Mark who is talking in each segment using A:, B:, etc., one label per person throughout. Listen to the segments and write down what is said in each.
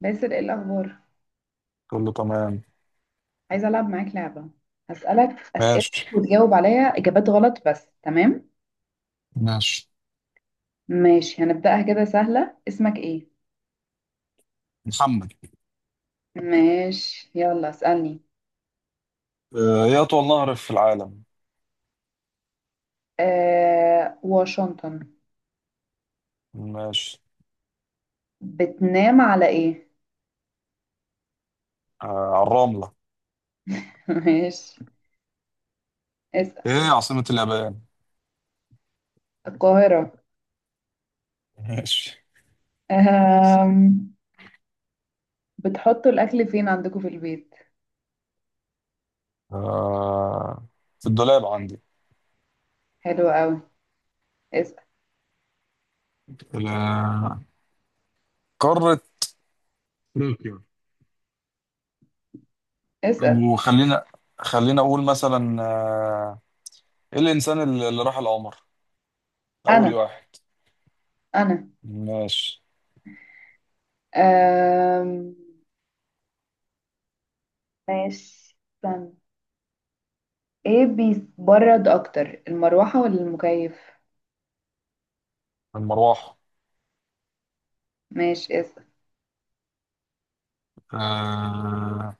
A: باسل، ايه الاخبار؟
B: كله تمام.
A: عايزه العب معاك لعبه. هسالك اسئله
B: ماشي.
A: وتجاوب عليا اجابات غلط بس، تمام؟
B: ماشي.
A: ماشي، هنبداها كده سهله. اسمك ايه؟
B: محمد.
A: ماشي يلا اسالني.
B: ايه اطول نهر في العالم؟
A: آه، واشنطن.
B: ماشي.
A: بتنام على ايه؟
B: آه، على الرملة.
A: ماشي اسال.
B: ايه عاصمة اليابان؟
A: القاهره.
B: ماشي.
A: آه. بتحطوا الاكل فين عندكم في البيت؟
B: آه، في الدولاب عندي.
A: حلو قوي. اسال.
B: ال- قارة أفريقيا.
A: اسال.
B: وخلينا اقول مثلا، ايه الانسان اللي راح القمر اول
A: انا
B: واحد؟
A: انا.
B: ماشي.
A: آه ماشي. استنى. ايه بيبرد اكتر، المروحة ولا المكيف؟
B: المروحة.
A: ماشي اسأل.
B: آه،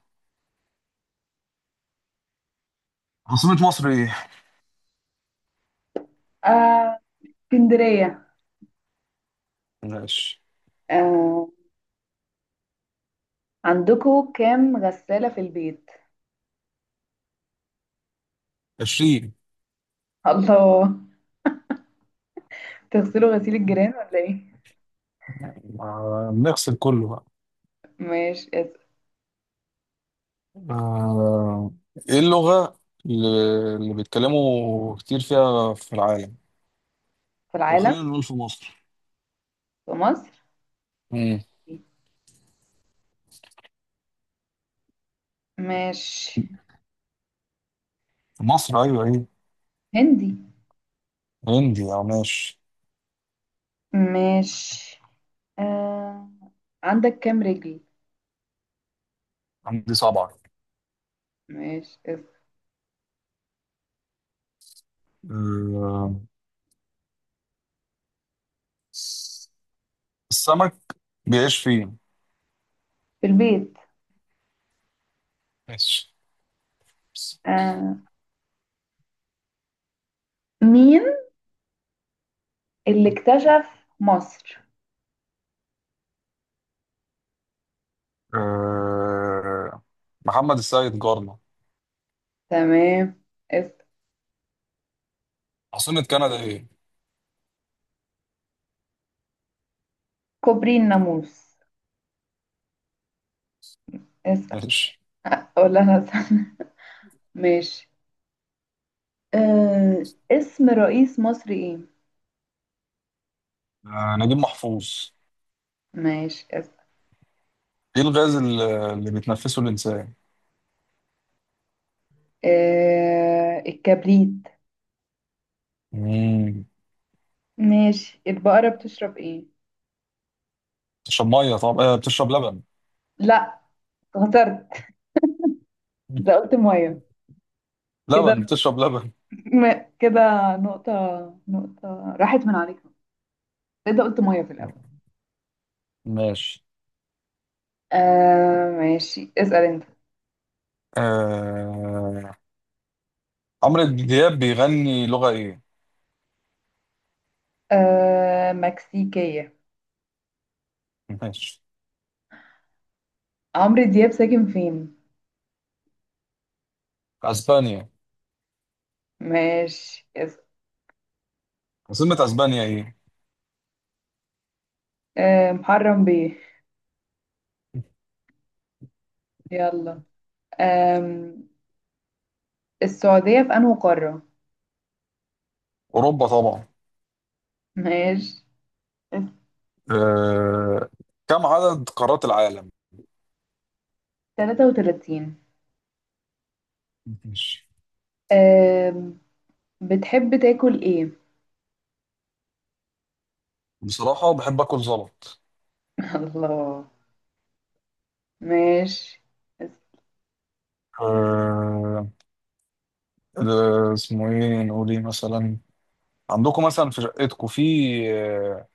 B: عاصمة مصر ايه؟
A: آه، اسكندرية.
B: ماشي.
A: آه، عندكوا كام غسالة في البيت؟
B: 20.
A: الله. تغسلوا غسيل الجيران ولا ايه؟
B: نغسل كله بقى.
A: ماشي اسأل.
B: آه، ايه اللغة اللي اللي بيتكلموا كتير فيها في العالم؟
A: في
B: لو
A: العالم.
B: خلينا نقول في مصر.
A: في مصر.
B: مم.
A: ماشي.
B: في مصر، ايوه، ايه؟
A: هندي.
B: هندي، او ماشي.
A: ماشي. آه، عندك كام رجل؟
B: عندي صبعة.
A: ماشي اسأل.
B: آه، السمك بيعيش فين؟
A: في البيت.
B: ماشي.
A: آه، مين اللي اكتشف مصر؟
B: آه، محمد السيد جارنا.
A: تمام اسأل.
B: عاصمة كندا ايه؟
A: كوبري الناموس. اسأل.
B: ماشي.
A: ولا انا استنى؟ ماشي. آه، اسم رئيس مصر ايه؟
B: نجيب محفوظ.
A: ماشي اسم.
B: ايه الغاز اللي بيتنفسه الانسان؟
A: آه، الكبريت.
B: مم.
A: ماشي. البقرة بتشرب ايه؟
B: بتشرب ميه، طب بتشرب لبن.
A: لا، خسرت. ده قلت ميه. كده.
B: لبن، بتشرب لبن.
A: كده. نقطة. نقطة راحت من عليك. ده قلت ميه في الأول.
B: ماشي.
A: آه ماشي، اسأل انت.
B: آه... عمرو دياب بيغني لغة ايه؟
A: آه، مكسيكية.
B: ماشي.
A: عمرو دياب ساكن فين؟
B: اسبانيا.
A: ماشي اسأل.
B: عاصمة اسبانيا ايه؟
A: آه، محرم بيه. يلا. آه، السعودية في أنهي قارة؟
B: اوروبا طبعا.
A: ماشي.
B: آه... كم عدد قارات العالم؟
A: 33.
B: ماشي.
A: أم... بتحب تاكل ايه؟
B: بصراحة بحب اكل زلط.
A: الله. ماشي. بس.
B: آه... ده اسمه ايه، نقول ايه مثلا، عندكم مثلا في شقتكم آه،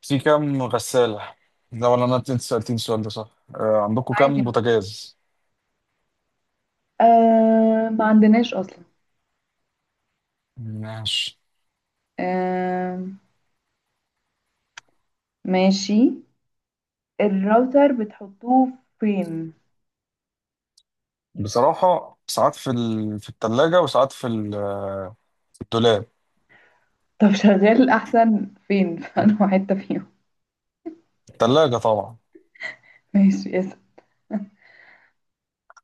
B: في كام غسالة؟ ده، ولا انا انت سألتني السؤال ده صح؟ عندكم
A: عادي.
B: كام بوتاجاز؟
A: ما عندناش أصلا.
B: ماشي.
A: أم... ماشي. الراوتر بتحطوه فين؟
B: بصراحة ساعات في التلاجة، وساعات في الدولاب.
A: طب شغال أحسن فين؟ في أنهي حتة فيهم؟
B: التلاجة طبعا.
A: ماشي اسأل.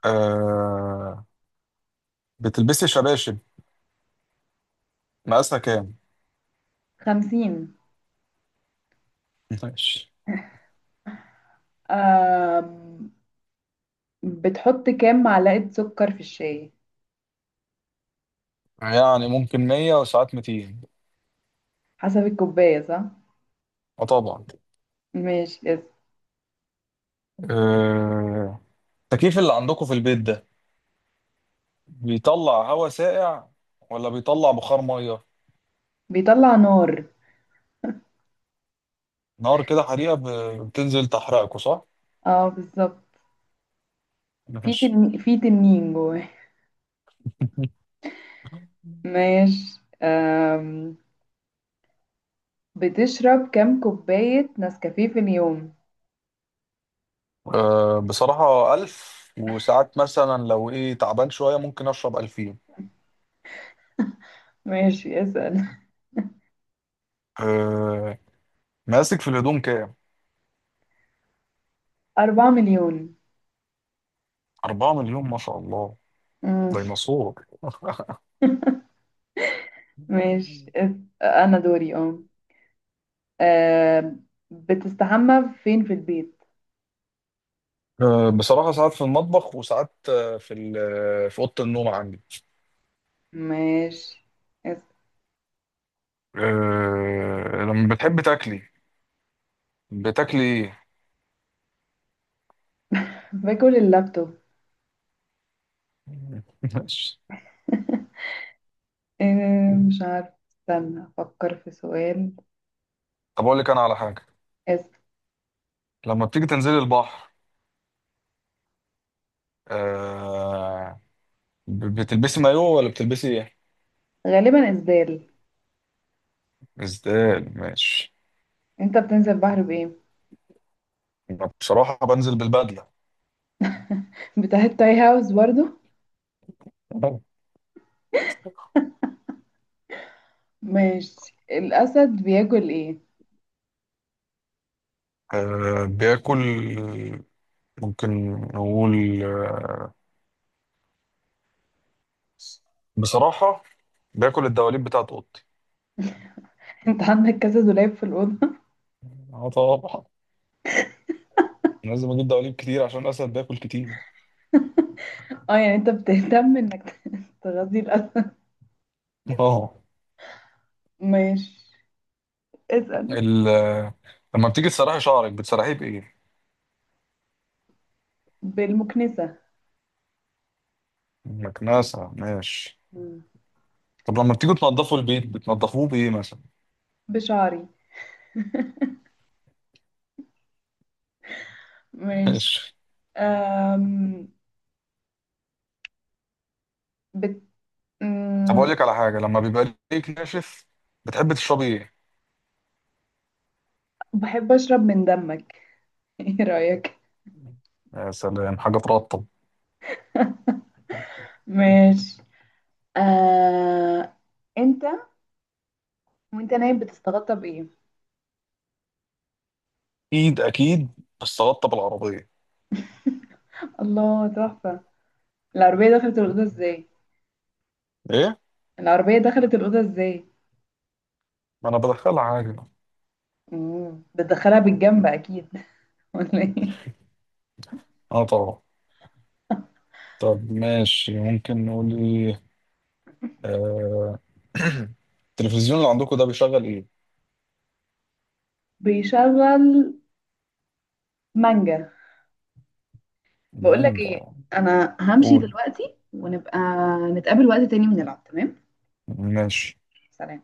B: آه... بتلبسي شباشب مقاسها كام؟
A: 50.
B: ماشي.
A: أم... بتحط كام معلقة سكر في الشاي؟
B: يعني ممكن 100، وساعات 200.
A: حسب الكوباية صح؟
B: اه طبعا.
A: ماشي.
B: آه... التكييف اللي عندكم في البيت ده بيطلع هواء ساقع، ولا بيطلع بخار مية؟
A: بيطلع نار.
B: نار، كده حريقة، بتنزل تحرقكوا صح؟
A: اه بالظبط.
B: ماشي.
A: في تنين جواه. ماشي. بتشرب كام كوباية نسكافيه في اليوم؟
B: بصراحة 1000، وساعات مثلا لو ايه تعبان شوية ممكن أشرب 2000.
A: ماشي اسأل.
B: آه، مقاسك في الهدوم كام؟
A: أربعة مليون.
B: 4 مليون، ما شاء الله.
A: مم.
B: ديناصور.
A: ماشي. أنا دوري. اه أم، بتستحمى فين في البيت؟
B: بصراحة ساعات في المطبخ، وساعات آه، في ال- آه، في أوضة النوم عندي.
A: ماشي اسأل.
B: أه لما بتحب تاكلي، بتاكلي ايه؟
A: باكل اللابتوب.
B: ماشي.
A: مش عارف، استنى أفكر في سؤال.
B: طب أقول لك أنا على حاجة.
A: اسأل.
B: لما بتيجي تنزلي البحر أه بتلبسي مايو، ولا بتلبسي ايه؟
A: غالبا إسدال.
B: ازاي؟ ماشي.
A: انت بتنزل بحر بإيه؟
B: أنا بصراحة بنزل بالبدلة.
A: بتاع التاي هاوس برضو. ماشي. الأسد بياكل إيه؟
B: بياكل، ممكن نقول بصراحة باكل الدواليب بتاعت اوضتي.
A: أنت عندك كذا دولاب في الأوضة؟
B: اه طبعا، لازم اجيب دواليب كتير عشان الاسد بياكل كتير.
A: أه يعني أنت بتهتم إنك تغذي الأسد.
B: اه.
A: ماشي اسأل.
B: ال... لما بتيجي تسرحي شعرك بتسرحيه بايه؟
A: بالمكنسة.
B: مكنسة، ماشي.
A: مم.
B: طب لما بتيجوا تنضفوا البيت بتنضفوه بايه مثلا؟
A: بشعري. ماشي.
B: ماشي.
A: أم... بت...
B: طب اقول
A: أم...
B: لك على حاجه، لما بيبقى ليك ناشف بتحب تشربي ايه؟
A: بحب أشرب من دمك. إيه رأيك؟
B: يا سلام، حاجه ترطب.
A: ماشي. أه... أنت وأنت نايم بتستغطى بإيه؟
B: اكيد اكيد، بس ترطب العربيه.
A: الله، تحفة. العربية دخلت الأوضة إزاي؟
B: ايه؟
A: العربية دخلت الأوضة إزاي؟
B: ما انا بدخلها عادي.
A: مم، بتدخلها بالجنب أكيد. ولا ايه؟
B: اه طبعا. طب ماشي، ممكن نقول ايه؟ آه، التلفزيون اللي عندكم ده بيشغل ايه؟
A: بيشغل مانجا. بقول لك
B: مانجا.
A: ايه، انا همشي
B: قول.
A: دلوقتي ونبقى نتقابل وقت تاني ونلعب، تمام؟
B: ماشي.
A: سلام.